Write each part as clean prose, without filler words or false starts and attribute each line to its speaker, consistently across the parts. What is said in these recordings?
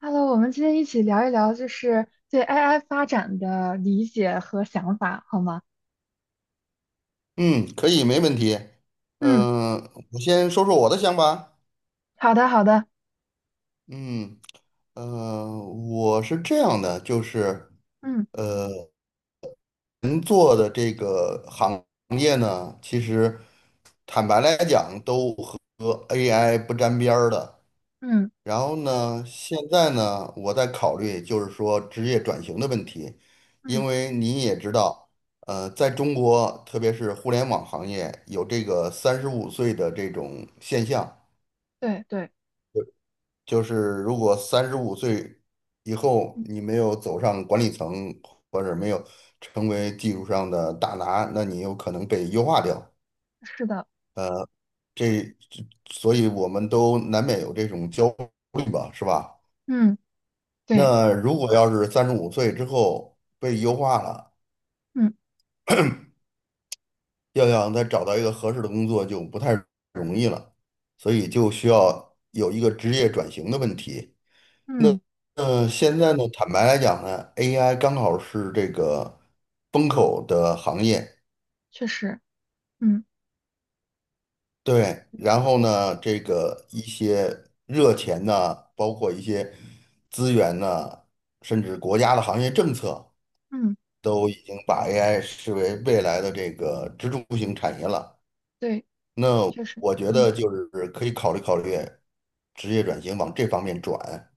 Speaker 1: Hello，我们今天一起聊一聊，就是对 AI 发展的理解和想法，好吗？
Speaker 2: 嗯，可以，没问题。
Speaker 1: 嗯，
Speaker 2: 嗯、我先说说我的想法。
Speaker 1: 好的，好的，
Speaker 2: 嗯，我是这样的，就是
Speaker 1: 嗯
Speaker 2: 呃，人做的这个行业呢，其实坦白来讲，都和 AI 不沾边儿的。
Speaker 1: 嗯
Speaker 2: 然后呢，现在呢，我在考虑就是说职业转型的问题，因
Speaker 1: 嗯，
Speaker 2: 为你也知道，在中国，特别是互联网行业，有这个三十五岁的这种现象，
Speaker 1: 对对，
Speaker 2: 就是如果三十五岁以后
Speaker 1: 嗯，
Speaker 2: 你没有走上管理层，或者没有成为技术上的大拿，那你有可能被优化掉。
Speaker 1: 是的，
Speaker 2: 这，所以我们都难免有这种焦虑吧，是吧？
Speaker 1: 嗯，对，
Speaker 2: 那如果要是三十五岁之后被优化了，
Speaker 1: 嗯
Speaker 2: 要想再找到一个合适的工作就不太容易了，所以就需要有一个职业转型的问题。那
Speaker 1: 嗯，
Speaker 2: 现在呢，坦白来讲呢，AI 刚好是这个风口的行业，
Speaker 1: 确实，嗯
Speaker 2: 对，然后呢，这个一些热钱呐，包括一些资源呐，甚至国家的行业政策，
Speaker 1: 嗯，
Speaker 2: 都已经把 AI 视为未来的这个支柱型产业了。
Speaker 1: 对，
Speaker 2: 那
Speaker 1: 确实，
Speaker 2: 我觉
Speaker 1: 嗯。
Speaker 2: 得就是可以考虑考虑职业转型往这方面转。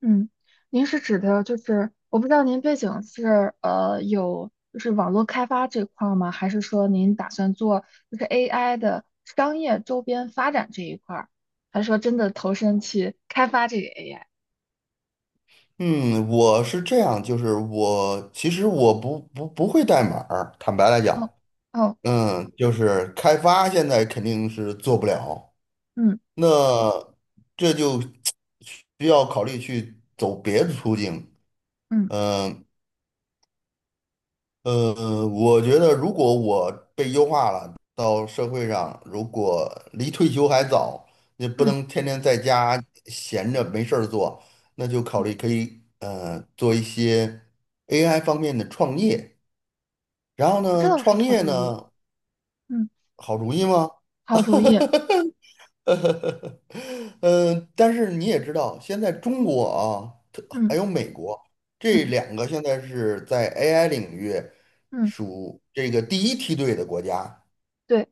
Speaker 1: 嗯，您是指的就是，我不知道您背景是有就是网络开发这块儿吗？还是说您打算做就是 AI 的商业周边发展这一块儿？还是说真的投身去开发这个 AI？
Speaker 2: 嗯，我是这样，就是其实我不会代码儿，坦白来讲，
Speaker 1: 哦哦，
Speaker 2: 就是开发现在肯定是做不了，
Speaker 1: 嗯
Speaker 2: 那这就需要考虑去走别的途径。
Speaker 1: 嗯
Speaker 2: 嗯、我觉得如果我被优化了，到社会上，如果离退休还早，也不
Speaker 1: 嗯
Speaker 2: 能天天在家闲着没事儿做，那就考
Speaker 1: 嗯，
Speaker 2: 虑可以做一些 AI 方面的创业。然后
Speaker 1: 这
Speaker 2: 呢，
Speaker 1: 倒是
Speaker 2: 创
Speaker 1: 好
Speaker 2: 业
Speaker 1: 主意，
Speaker 2: 呢，
Speaker 1: 嗯，
Speaker 2: 好主意吗？
Speaker 1: 好主意，
Speaker 2: 但是你也知道，现在中国啊，还
Speaker 1: 嗯
Speaker 2: 有美国这
Speaker 1: 嗯
Speaker 2: 两个现在是在 AI 领域
Speaker 1: 嗯，
Speaker 2: 属这个第一梯队的国家。
Speaker 1: 对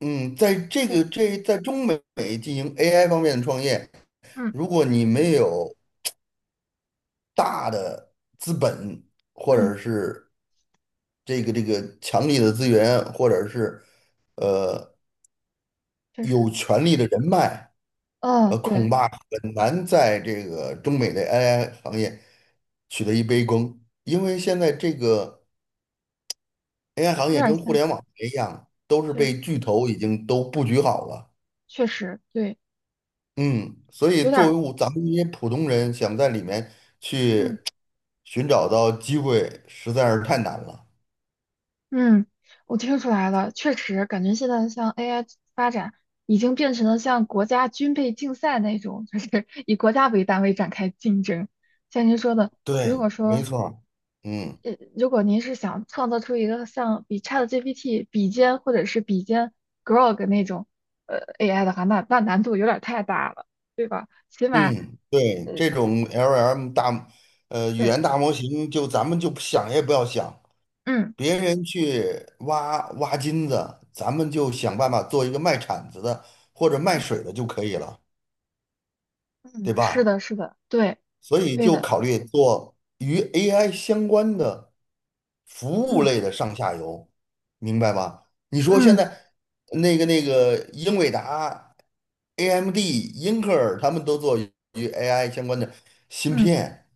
Speaker 2: 嗯，在这
Speaker 1: 对，
Speaker 2: 个在中美进行 AI 方面的创业，
Speaker 1: 嗯
Speaker 2: 如果你没有大的资本，或
Speaker 1: 嗯，
Speaker 2: 者是这个强力的资源，或者是
Speaker 1: 确实，
Speaker 2: 有权力的人脉，
Speaker 1: 哦，对，
Speaker 2: 恐怕很难在这个中美的 AI 行业取得一杯羹，因为现在这个 AI 行
Speaker 1: 有
Speaker 2: 业
Speaker 1: 点
Speaker 2: 跟互
Speaker 1: 像，
Speaker 2: 联网一样，都是
Speaker 1: 确
Speaker 2: 被巨头已经都布局好了。
Speaker 1: 确实对，
Speaker 2: 嗯，所以
Speaker 1: 有点
Speaker 2: 作为
Speaker 1: 儿。
Speaker 2: 我咱们这些普通人，想在里面
Speaker 1: 嗯。
Speaker 2: 去寻找到机会，实在是太难了。
Speaker 1: 嗯，我听出来了，确实感觉现在像 AI 发展已经变成了像国家军备竞赛那种，就是 以国家为单位展开竞争。像您说的，如
Speaker 2: 对，
Speaker 1: 果
Speaker 2: 没
Speaker 1: 说，
Speaker 2: 错儿。嗯
Speaker 1: 如果您是想创造出一个像比 ChatGPT 比肩或者是比肩 Grok 那种呃 AI 的话，那难度有点太大了，对吧？起码
Speaker 2: 嗯，
Speaker 1: 呃，
Speaker 2: 对，这种 LLM 大，语
Speaker 1: 对，
Speaker 2: 言大模型，就咱们就想也不要想，
Speaker 1: 嗯
Speaker 2: 别人去挖挖金子，咱们就想办法做一个卖铲子的或者卖
Speaker 1: 嗯
Speaker 2: 水的就可以了，对
Speaker 1: 嗯，是
Speaker 2: 吧？
Speaker 1: 的，是的，对
Speaker 2: 所以
Speaker 1: 对
Speaker 2: 就
Speaker 1: 的，
Speaker 2: 考虑做与 AI 相关的服务
Speaker 1: 嗯
Speaker 2: 类的上下游，明白吧？你说现
Speaker 1: 嗯
Speaker 2: 在那个英伟达、AMD、英特尔他们都做与 AI 相关的芯
Speaker 1: 嗯，
Speaker 2: 片，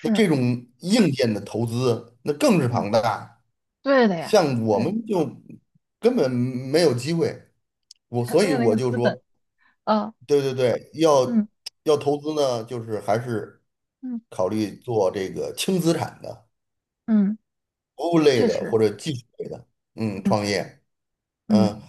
Speaker 2: 那
Speaker 1: 是。
Speaker 2: 这种硬件的投资那更是
Speaker 1: 嗯。
Speaker 2: 庞大。
Speaker 1: 对的呀，
Speaker 2: 像我
Speaker 1: 对，
Speaker 2: 们就根本没有机会，我
Speaker 1: 他
Speaker 2: 所
Speaker 1: 没
Speaker 2: 以
Speaker 1: 有那
Speaker 2: 我
Speaker 1: 个
Speaker 2: 就
Speaker 1: 资
Speaker 2: 说，
Speaker 1: 本啊，
Speaker 2: 对对对，要
Speaker 1: 嗯
Speaker 2: 要投资呢，就是还是
Speaker 1: 嗯
Speaker 2: 考虑做这个轻资产的、
Speaker 1: 嗯，
Speaker 2: 服务类
Speaker 1: 确
Speaker 2: 的
Speaker 1: 实，
Speaker 2: 或者技术类的，
Speaker 1: 嗯
Speaker 2: 创业，
Speaker 1: 嗯
Speaker 2: 嗯，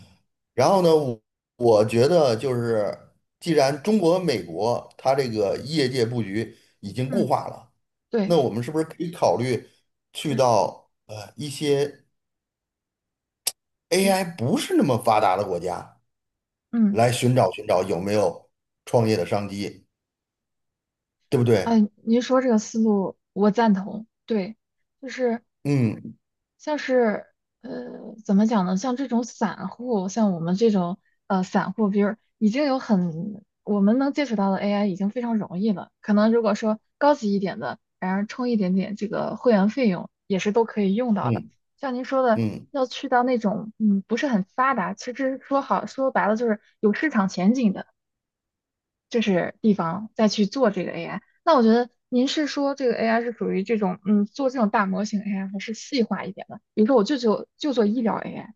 Speaker 2: 然后呢，我觉得就是既然中国和美国它这个业界布局已经固
Speaker 1: 嗯，
Speaker 2: 化了，
Speaker 1: 对，
Speaker 2: 那我们是不是可以考虑去
Speaker 1: 是，
Speaker 2: 到一些
Speaker 1: 对，
Speaker 2: AI 不是那么发达的国家？
Speaker 1: 嗯，
Speaker 2: 来寻找寻找有没有创业的商机，对不对？
Speaker 1: 哎，您说这个思路我赞同，对，就是
Speaker 2: 嗯
Speaker 1: 像是呃，怎么讲呢？像这种散户，像我们这种散户，比如已经有很我们能接触到的 AI 已经非常容易了。可能如果说高级一点的，然后充一点点这个会员费用，也是都可以用到的。
Speaker 2: 嗯
Speaker 1: 像您说的，
Speaker 2: 嗯嗯。
Speaker 1: 要去到那种嗯不是很发达，其实说好说白了就是有市场前景的就是地方再去做这个 AI。那我觉得您是说这个 AI 是属于这种，嗯，做这种大模型 AI 还是细化一点的？比如说我就做医疗 AI，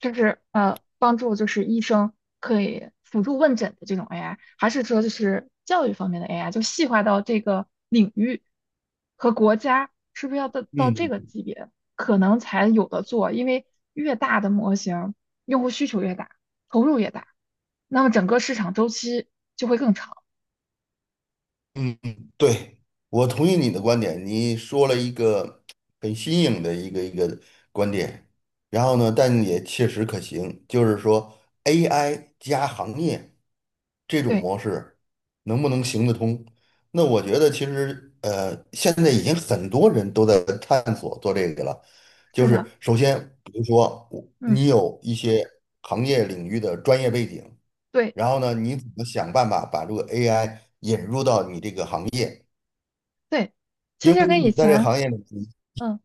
Speaker 1: 就是帮助就是医生可以辅助问诊的这种 AI，还是说就是教育方面的 AI，就细化到这个领域和国家，是不是要到这
Speaker 2: 嗯
Speaker 1: 个级别可能才有的做？因为越大的模型，用户需求越大，投入越大，那么整个市场周期就会更长。
Speaker 2: 嗯，嗯，对，我同意你的观点。你说了一个很新颖的一个观点，然后呢，但也切实可行，就是说 AI 加行业这种
Speaker 1: 对，
Speaker 2: 模式能不能行得通？那我觉得其实现在已经很多人都在探索做这个了。就
Speaker 1: 是的，
Speaker 2: 是首先，比如说我
Speaker 1: 嗯，
Speaker 2: 你有一些行业领域的专业背景，
Speaker 1: 对
Speaker 2: 然后呢，你怎么想办法把这个 AI？
Speaker 1: 对，其
Speaker 2: 因
Speaker 1: 实
Speaker 2: 为
Speaker 1: 跟以
Speaker 2: 你在这个
Speaker 1: 前，
Speaker 2: 行业里你
Speaker 1: 嗯，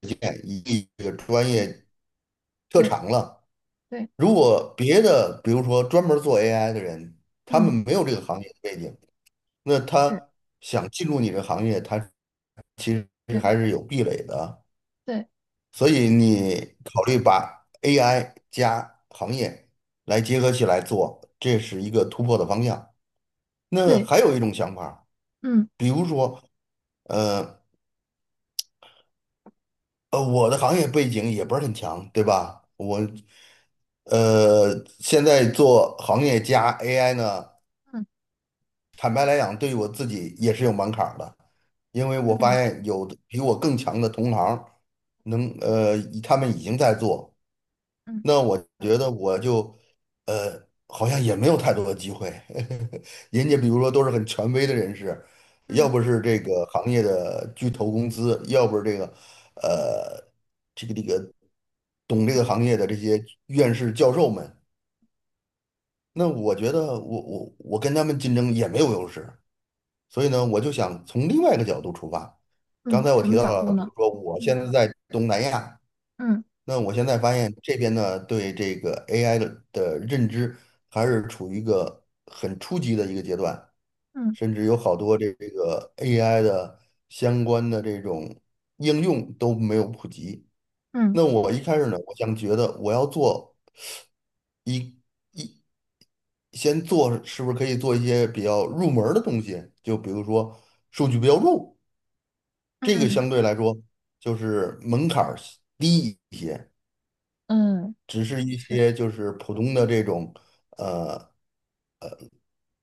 Speaker 2: 经验以及这个专
Speaker 1: 对
Speaker 2: 业特
Speaker 1: 对
Speaker 2: 长了。
Speaker 1: 对，
Speaker 2: 如果别的，比如说专门做 AI 的人，他们
Speaker 1: 嗯，
Speaker 2: 没有这个行业的背景，那
Speaker 1: 是，
Speaker 2: 他想进入你这个行业，他其实
Speaker 1: 对
Speaker 2: 还是有壁垒的。
Speaker 1: 对
Speaker 2: 所以你考虑把 AI 加行业来结合起来做，这是一个突破的方向。那
Speaker 1: 对，
Speaker 2: 还有一种想法，
Speaker 1: 嗯
Speaker 2: 比如说，呃，我的行业背景也不是很强，对吧？我，呃，现在做行业加 AI 呢，
Speaker 1: 嗯
Speaker 2: 坦白来讲，对于我自己也是有门槛儿的，因为我发
Speaker 1: 嗯
Speaker 2: 现有的比我更强的同行，能，呃，他们已经在做，
Speaker 1: 嗯
Speaker 2: 那我觉得我就，好像也没有太多的机会。人家比如说都是很权威的人士，要
Speaker 1: 嗯
Speaker 2: 不是这个行业的巨头公司，要不是这个，呃，这个懂这个行业的这些院士教授们，那我觉得我跟他们竞争也没有优势。所以呢，我就想从另外一个角度出发。刚
Speaker 1: 嗯，
Speaker 2: 才我
Speaker 1: 什
Speaker 2: 提
Speaker 1: 么
Speaker 2: 到
Speaker 1: 角
Speaker 2: 了，
Speaker 1: 度
Speaker 2: 比
Speaker 1: 呢？
Speaker 2: 如说我
Speaker 1: 嗯
Speaker 2: 现在在东南亚。
Speaker 1: 嗯
Speaker 2: 那我现在发现这边呢，对这个 AI 的认知还是处于一个很初级的一个阶段，
Speaker 1: 嗯
Speaker 2: 甚至有好多这个 AI 的相关的这种应用都没有普及。
Speaker 1: 嗯
Speaker 2: 那我一开始呢，我想觉得我要做一一先做，是不是可以做一些比较入门儿的东西？就比如说数据标注，这个
Speaker 1: 嗯
Speaker 2: 相对来说就是门槛儿低一些。
Speaker 1: 嗯，
Speaker 2: 只是一
Speaker 1: 是，
Speaker 2: 些就是普通的这种呃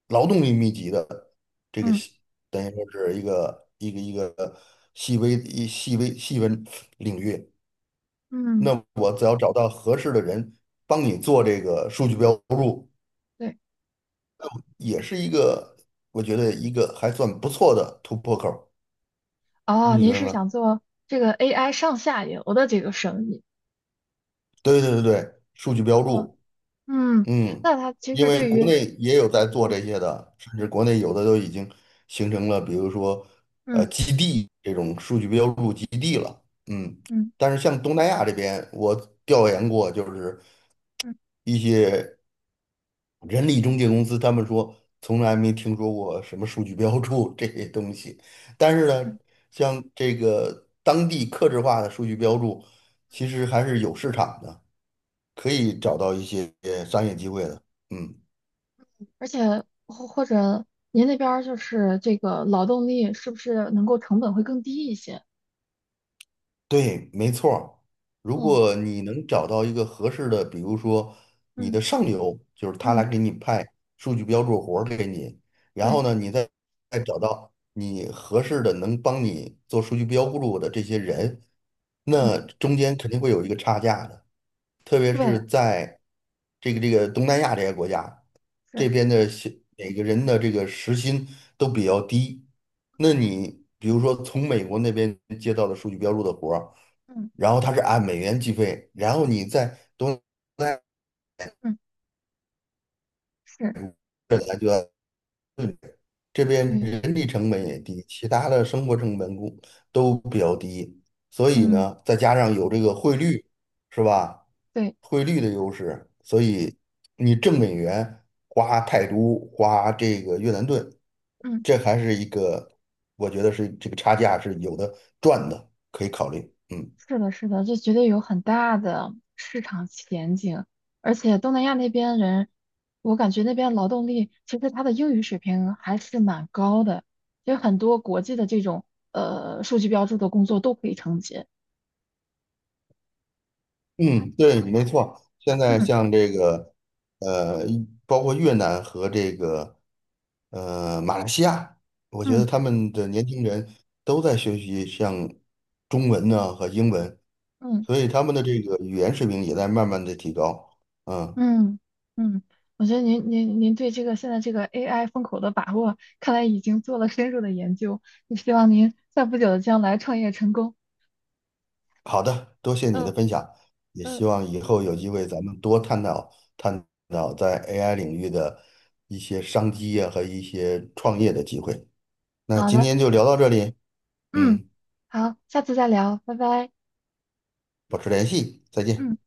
Speaker 2: 劳动力密集的这个
Speaker 1: 嗯
Speaker 2: 细，等于说是一个细微细分领域。
Speaker 1: 嗯，
Speaker 2: 那我只要找到合适的人帮你做
Speaker 1: 对
Speaker 2: 这个数据标注，
Speaker 1: 对，
Speaker 2: 也是一个我觉得一个还算不错的突破口儿。
Speaker 1: 哦，
Speaker 2: 你觉
Speaker 1: 您
Speaker 2: 得
Speaker 1: 是
Speaker 2: 呢？
Speaker 1: 想做这个 AI 上下游的这个生意？
Speaker 2: 对对对对，数据标
Speaker 1: 哦，
Speaker 2: 注。
Speaker 1: 嗯，
Speaker 2: 嗯，
Speaker 1: 那它其
Speaker 2: 因
Speaker 1: 实
Speaker 2: 为
Speaker 1: 对
Speaker 2: 国
Speaker 1: 于
Speaker 2: 内也有在做
Speaker 1: 对，
Speaker 2: 这些的，甚至国内有的都已经形成了，比如说
Speaker 1: 嗯
Speaker 2: 基地这种数据标注基地了。嗯，
Speaker 1: 嗯
Speaker 2: 但是像东南亚这边，我调研过，就是
Speaker 1: 嗯
Speaker 2: 一些人力中介公司，他们说从来没
Speaker 1: 嗯
Speaker 2: 听说过什么数据标注这些东西。但是
Speaker 1: 嗯
Speaker 2: 呢，
Speaker 1: 嗯
Speaker 2: 像这个当地客制化的数据标注，其实还是有市场的，可以找到一些商业机会的。嗯。
Speaker 1: 而且或者您那边儿就是这个劳动力是不是能够成本会更低一些？
Speaker 2: 对，没错儿。如
Speaker 1: 哦，
Speaker 2: 果你能找到一个合适的，比如说你
Speaker 1: 嗯，
Speaker 2: 的上游，就是他来
Speaker 1: 嗯
Speaker 2: 给你派数据标注活儿给你，然后呢，
Speaker 1: 对
Speaker 2: 你再找到你合适的能帮你做数据标注的这些人，
Speaker 1: 嗯
Speaker 2: 那中间肯定会有一个差价的。特别
Speaker 1: 对，
Speaker 2: 是在这个东南亚这些国家，
Speaker 1: 是
Speaker 2: 这边每个人的这个时薪都比较低。那你比如说从美国那边接到的数据标注的活儿，
Speaker 1: 嗯
Speaker 2: 然后他是按美元计费，然后你在东南亚
Speaker 1: 嗯是，
Speaker 2: 本来就要。这边
Speaker 1: 对
Speaker 2: 人力成本也低，其他的生活成本都比较低，所以
Speaker 1: 嗯
Speaker 2: 呢，再加上有这个汇率，是吧？
Speaker 1: 对，
Speaker 2: 汇率的优势，所以你挣美元、花泰铢、花这个越南盾，
Speaker 1: 嗯
Speaker 2: 这还是一个，我觉得是这个差价是有的赚的，可以考虑。嗯。
Speaker 1: 是的，是的，这绝对有很大的市场前景。而且东南亚那边人，我感觉那边劳动力其实他的英语水平还是蛮高的，其实很多国际的这种数据标注的工作都可以承接。
Speaker 2: 嗯，对，没错。现在
Speaker 1: 嗯
Speaker 2: 像这个，呃，包括越南和这个，马来西亚，我觉得
Speaker 1: 嗯
Speaker 2: 他们的年轻人都在学习像中文呢和英文，
Speaker 1: 嗯
Speaker 2: 所以他们的这个语言水平也在慢慢的提高。嗯，
Speaker 1: 嗯嗯，我觉得您对这个现在这个 AI 风口的把握，看来已经做了深入的研究。就希望您在不久的将来创业成功。
Speaker 2: 好的，多谢你的
Speaker 1: 嗯
Speaker 2: 分享，也
Speaker 1: 嗯。
Speaker 2: 希望以后有机会咱们多探讨探讨在 AI 领域的一些商机呀、和一些创业的机会。那
Speaker 1: 好
Speaker 2: 今
Speaker 1: 的，
Speaker 2: 天就聊到这里，
Speaker 1: 嗯，
Speaker 2: 嗯。
Speaker 1: 好，下次再聊，拜拜。
Speaker 2: 保持联系，再见。
Speaker 1: 嗯。